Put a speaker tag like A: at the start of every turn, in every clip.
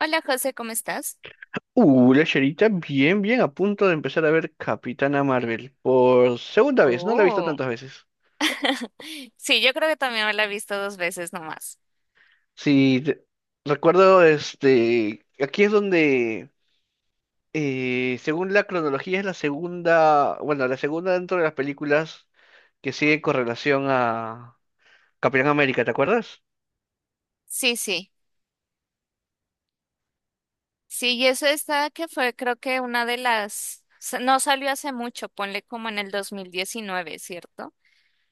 A: Hola José, ¿cómo estás?
B: Bien, bien, a punto de empezar a ver Capitana Marvel por segunda vez, no la he visto
A: Oh,
B: tantas veces.
A: sí, yo creo que también me la he visto dos veces nomás.
B: Sí, te- recuerdo, aquí es donde, según la cronología, es la segunda, bueno, la segunda dentro de las películas que sigue con relación a Capitán América, ¿te acuerdas?
A: Sí, sí, y eso está que fue creo que una de las, no salió hace mucho, ponle como en el 2019, ¿cierto?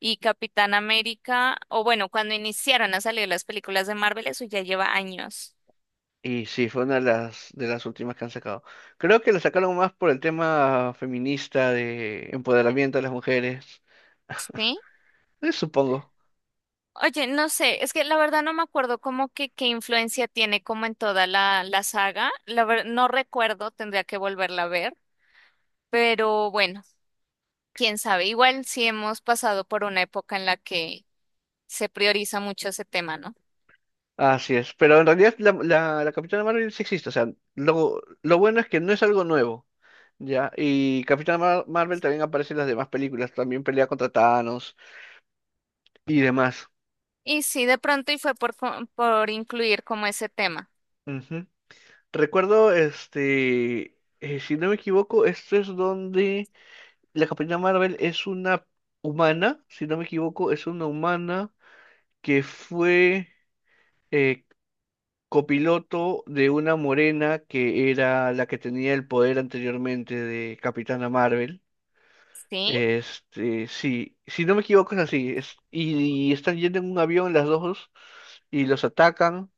A: Y Capitán América, o bueno, cuando iniciaron a salir las películas de Marvel, eso ya lleva años.
B: Y sí, fue una de las últimas que han sacado. Creo que la sacaron más por el tema feminista de empoderamiento de las mujeres,
A: ¿Sí?
B: supongo.
A: Oye, no sé, es que la verdad no me acuerdo como que qué influencia tiene como en toda la saga, no recuerdo, tendría que volverla a ver. Pero bueno, quién sabe, igual sí hemos pasado por una época en la que se prioriza mucho ese tema, ¿no?
B: Así es, pero en realidad la Capitana Marvel sí existe, o sea, lo bueno es que no es algo nuevo, ¿ya? Y Capitana Marvel también aparece en las demás películas, también pelea contra Thanos y demás.
A: Y sí, de pronto y fue por, por incluir como ese tema.
B: Ujú. Recuerdo, si no me equivoco, esto es donde la Capitana Marvel es una humana, si no me equivoco, es una humana que fue eh, copiloto de una morena que era la que tenía el poder anteriormente de Capitana Marvel.
A: ¿Sí?
B: Sí, si no me equivoco es así. Y están yendo en un avión las dos y los atacan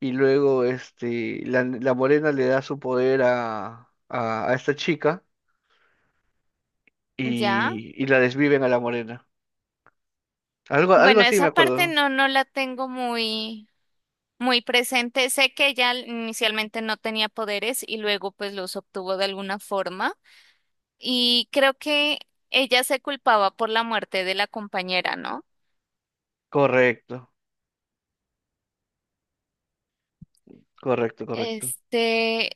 B: y luego la morena le da su poder a, a esta chica
A: ¿Ya?
B: y la desviven a la morena. Algo, algo
A: Bueno,
B: así me
A: esa
B: acuerdo,
A: parte
B: ¿no?
A: no la tengo muy, muy presente. Sé que ella inicialmente no tenía poderes y luego pues los obtuvo de alguna forma. Y creo que ella se culpaba por la muerte de la compañera, ¿no?
B: Correcto, correcto, correcto.
A: Este,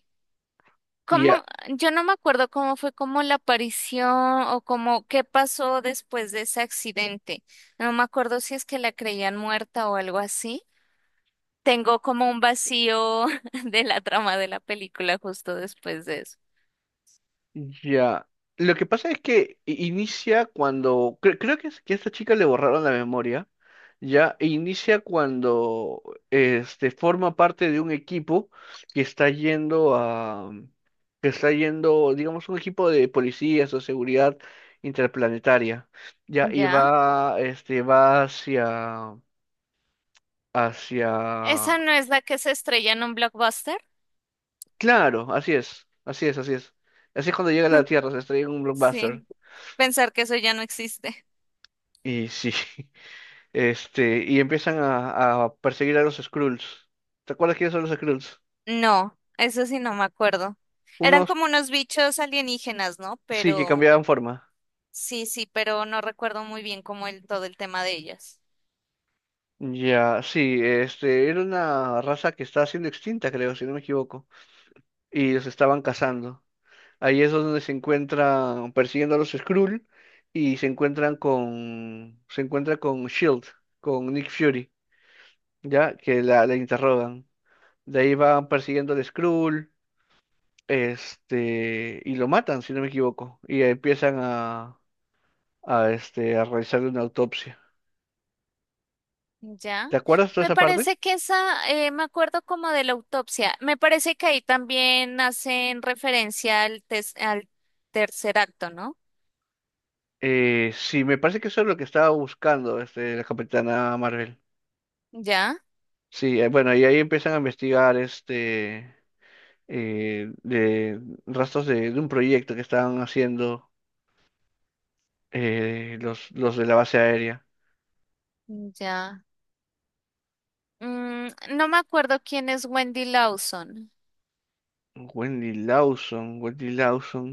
B: Y,
A: ¿cómo? Yo no me acuerdo cómo fue como la aparición o cómo qué pasó después de ese accidente. No me acuerdo si es que la creían muerta o algo así. Tengo como un vacío de la trama de la película justo después de eso.
B: ya. Lo que pasa es que inicia cuando, creo que, que a esta chica le borraron la memoria, ya, e inicia cuando forma parte de un equipo que está yendo a, que está yendo, digamos, un equipo de policías o seguridad interplanetaria, ya, y
A: ¿Ya?
B: va, va hacia, hacia,
A: ¿Esa no es la que se estrella en un blockbuster?
B: claro, así es, así es, así es. Así es cuando llega a la Tierra, se estrella en un blockbuster.
A: Sí, pensar que eso ya no existe.
B: Y sí. Y empiezan a perseguir a los Skrulls. ¿Te acuerdas quiénes son los Skrulls?
A: No, eso sí no me acuerdo. Eran
B: Unos
A: como unos bichos alienígenas, ¿no?
B: sí que
A: Pero
B: cambiaban forma.
A: sí, sí, pero no recuerdo muy bien cómo el todo el tema de ellas.
B: Ya, sí, era una raza que estaba siendo extinta, creo, si no me equivoco, y los estaban cazando. Ahí es donde se encuentran persiguiendo a los Skrull y se encuentran con, se encuentra con Shield, con Nick Fury, ya, que la interrogan. De ahí van persiguiendo al Skrull, y lo matan, si no me equivoco, y empiezan a, a realizarle una autopsia.
A: Ya.
B: ¿Te acuerdas de
A: Me
B: esa parte?
A: parece que esa, me acuerdo como de la autopsia. Me parece que ahí también hacen referencia al, al tercer acto, ¿no?
B: Sí, me parece que eso es lo que estaba buscando la Capitana Marvel.
A: Ya,
B: Sí, bueno, y ahí empiezan a investigar de rastros de un proyecto que estaban haciendo los de la base aérea.
A: ya. No me acuerdo quién es Wendy Lawson,
B: Wendy Lawson, Wendy Lawson.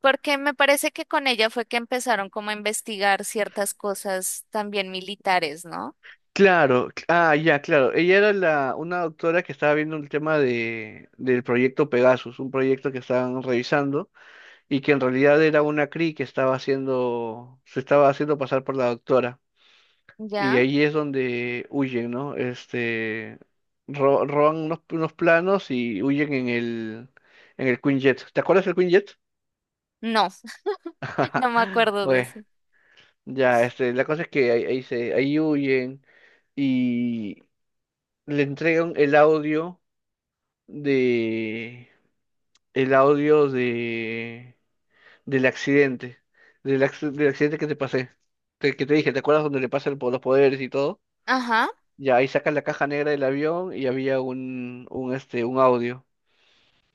A: porque me parece que con ella fue que empezaron como a investigar ciertas cosas también militares, ¿no?
B: Claro, ya, claro. Ella era una doctora que estaba viendo el tema de, del proyecto Pegasus, un proyecto que estaban revisando y que en realidad era una Cree que estaba haciendo, se estaba haciendo pasar por la doctora. Y
A: Ya.
B: ahí es donde huyen, ¿no? Roban unos, unos planos y huyen en el Quinjet. ¿Te acuerdas del Quinjet?
A: No, no me acuerdo de
B: Bueno,
A: ese.
B: ya, la cosa es que ahí, ahí se, ahí huyen y le entregan de, el audio de del accidente, del, del accidente que te pasé, que te dije, ¿te acuerdas donde le pasan los poderes y todo?
A: Ajá.
B: Ya ahí sacas la caja negra del avión y había un audio.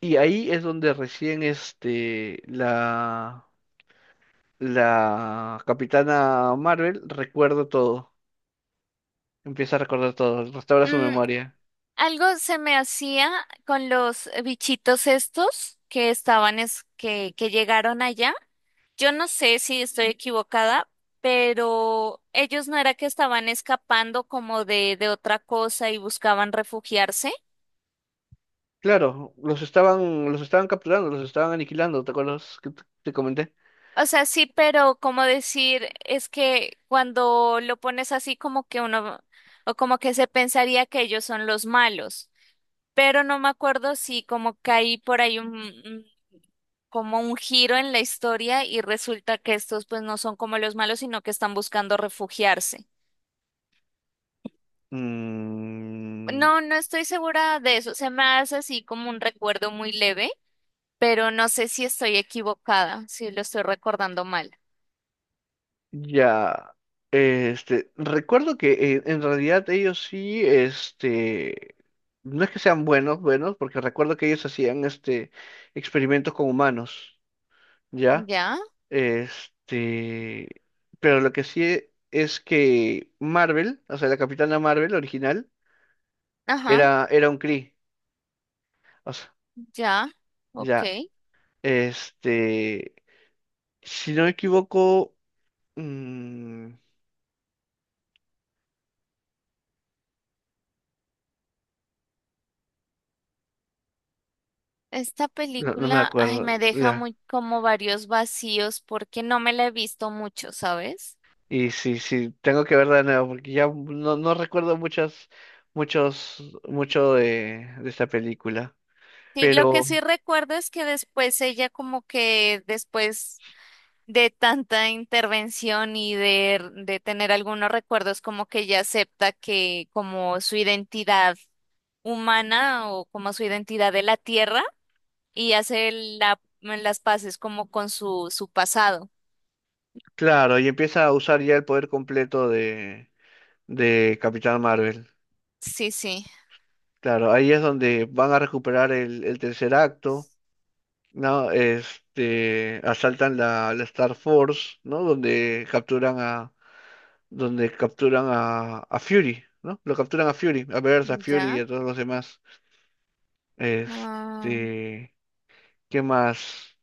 B: Y ahí es donde recién la Capitana Marvel recuerda todo, empieza a recordar todo, restaura su memoria.
A: Algo se me hacía con los bichitos estos que estaban, es, que llegaron allá. Yo no sé si estoy equivocada, pero ellos no era que estaban escapando como de otra cosa y buscaban refugiarse.
B: Claro, los estaban capturando, los estaban aniquilando, ¿te acuerdas que te comenté?
A: O sea, sí, pero como decir, es que cuando lo pones así como que uno, o como que se pensaría que ellos son los malos. Pero no me acuerdo si como que hay por ahí un, como un giro en la historia y resulta que estos pues no son como los malos, sino que están buscando refugiarse.
B: Mm,
A: No, no estoy segura de eso. Se me hace así como un recuerdo muy leve, pero no sé si estoy equivocada, si lo estoy recordando mal.
B: ya, recuerdo que en realidad ellos sí, no es que sean buenos, buenos, porque recuerdo que ellos hacían, experimentos con humanos, ¿ya?
A: Ya,
B: Este, pero lo que sí es que Marvel, o sea, la Capitana Marvel original,
A: ajá,
B: era, era un Kree, o sea,
A: ya, ok.
B: ya, este, si no me equivoco, mm,
A: Esta
B: no, no me
A: película, ay, me
B: acuerdo,
A: deja
B: ya.
A: muy como varios vacíos porque no me la he visto mucho, ¿sabes?
B: Y sí, sí, tengo que ver de nuevo, porque ya no, no recuerdo muchas, muchos, mucho de esta película.
A: Sí, lo que
B: Pero,
A: sí recuerdo es que después ella como que después de tanta intervención y de tener algunos recuerdos como que ella acepta que como su identidad humana o como su identidad de la tierra y hace las paces como con su, su pasado.
B: claro, y empieza a usar ya el poder completo de Capitán Marvel.
A: Sí, sí,
B: Claro, ahí es donde van a recuperar el tercer acto, ¿no? Asaltan la, la Star Force, ¿no? Donde capturan a Fury, ¿no? Lo capturan a Fury, a Bears, a Fury y
A: ya.
B: a todos los demás.
A: Ah,
B: Este. ¿Qué más?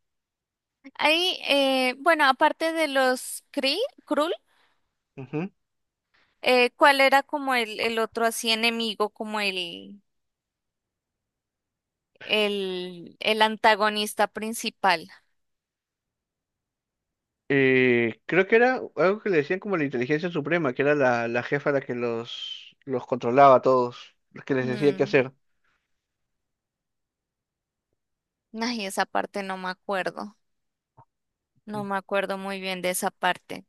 A: ahí, bueno, aparte de los Kree, Krul,
B: Ujú.
A: ¿cuál era como el otro así enemigo, como el antagonista principal?
B: Creo que era algo que le decían como la inteligencia suprema, que era la, la jefa la que los controlaba a todos, los que les decía qué
A: Mm.
B: hacer.
A: Ay, esa parte no me acuerdo. No me acuerdo muy bien de esa parte.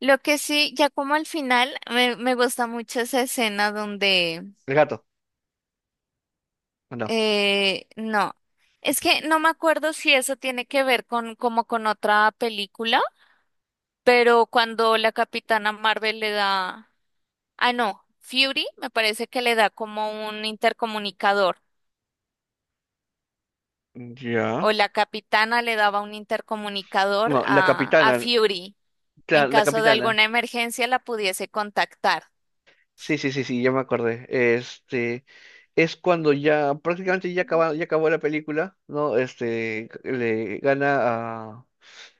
A: Lo que sí, ya como al final, me gusta mucho esa escena donde,
B: El gato, ¿o no?
A: no, es que no me acuerdo si eso tiene que ver con como con otra película, pero cuando la Capitana Marvel le da, ah, no, Fury me parece que le da como un intercomunicador, o
B: Ya.
A: la Capitana le daba un intercomunicador
B: No, la
A: a
B: capitana,
A: Fury, en
B: claro, la
A: caso de
B: capitana.
A: alguna emergencia la pudiese contactar
B: Sí, sí, sí, sí, ya me acordé. Es cuando ya prácticamente ya acaba, ya acabó la película, ¿no? Le gana a.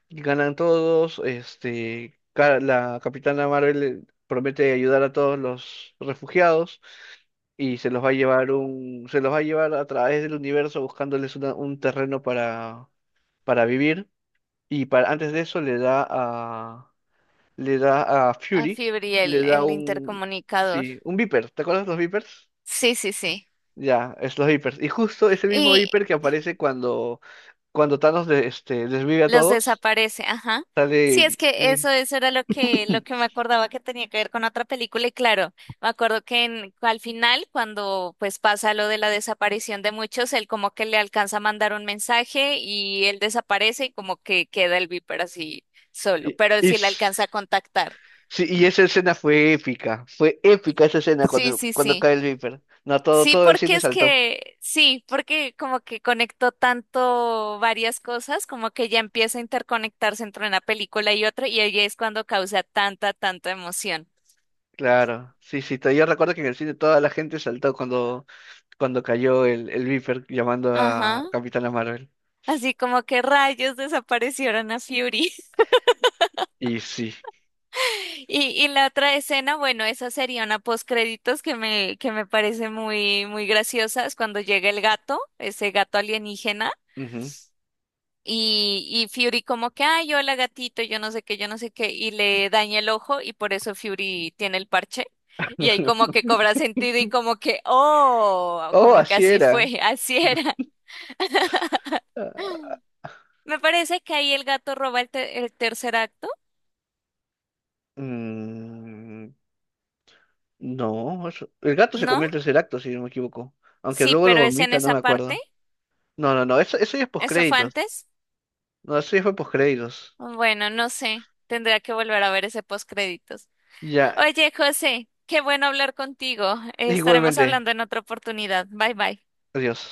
B: Ganan todos, la Capitana Marvel promete ayudar a todos los refugiados y se los va a llevar un, se los va a llevar a través del universo buscándoles un terreno para vivir. Y para, antes de eso le da a
A: a
B: Fury, le
A: Fibriel,
B: da
A: el
B: un,
A: intercomunicador.
B: sí, un Viper. ¿Te acuerdas los Vipers?
A: Sí, sí, sí.
B: Ya, es los Vipers. Y justo ese mismo
A: Y
B: Viper que aparece cuando, cuando Thanos desvive a
A: los
B: todos,
A: desaparece, ajá. Sí,
B: sale
A: es que eso,
B: Nick.
A: eso era lo que me acordaba que tenía que ver con otra película, y claro, me acuerdo que al final, cuando pues pasa lo de la desaparición de muchos, él como que le alcanza a mandar un mensaje y él desaparece y como que queda el Viper así solo,
B: Y,
A: pero
B: y
A: sí le
B: s-
A: alcanza a contactar.
B: sí, y esa escena fue épica esa escena
A: Sí,
B: cuando,
A: sí,
B: cuando
A: sí.
B: cae el Viper. No, todo,
A: Sí,
B: todo el
A: porque
B: cine
A: es
B: saltó.
A: que, sí, porque como que conectó tanto varias cosas, como que ya empieza a interconectarse entre una película y otra, y ahí es cuando causa tanta, tanta emoción.
B: Claro, sí, sí, yo recuerdo que en el cine toda la gente saltó cuando, cuando cayó el Viper llamando a
A: Ajá.
B: Capitana Marvel.
A: Así como que rayos desaparecieron a Fury.
B: Y sí.
A: Y, y la otra escena, bueno, esa sería una postcréditos que me parece muy, muy graciosa, es cuando llega el gato, ese gato alienígena.
B: Ujú.
A: Y Fury como que, ay, hola gatito, yo no sé qué, yo no sé qué, y le daña el ojo y por eso Fury tiene el parche. Y ahí como que cobra sentido y como que, oh,
B: Oh,
A: como que
B: así
A: así fue,
B: era.
A: así era.
B: Ah,
A: Me parece que ahí el gato roba el, el tercer acto,
B: mm, no, el gato se
A: ¿no?
B: comió el tercer acto, si no me equivoco. Aunque
A: Sí,
B: luego lo
A: pero es en
B: vomita, no
A: esa
B: me
A: parte.
B: acuerdo. No, no, no, eso ya es
A: ¿Eso fue
B: postcréditos.
A: antes?
B: No, eso ya fue postcréditos.
A: Bueno, no sé. Tendría que volver a ver ese postcréditos.
B: Ya,
A: Oye, José, qué bueno hablar contigo. Estaremos
B: igualmente,
A: hablando en otra oportunidad. Bye bye.
B: adiós.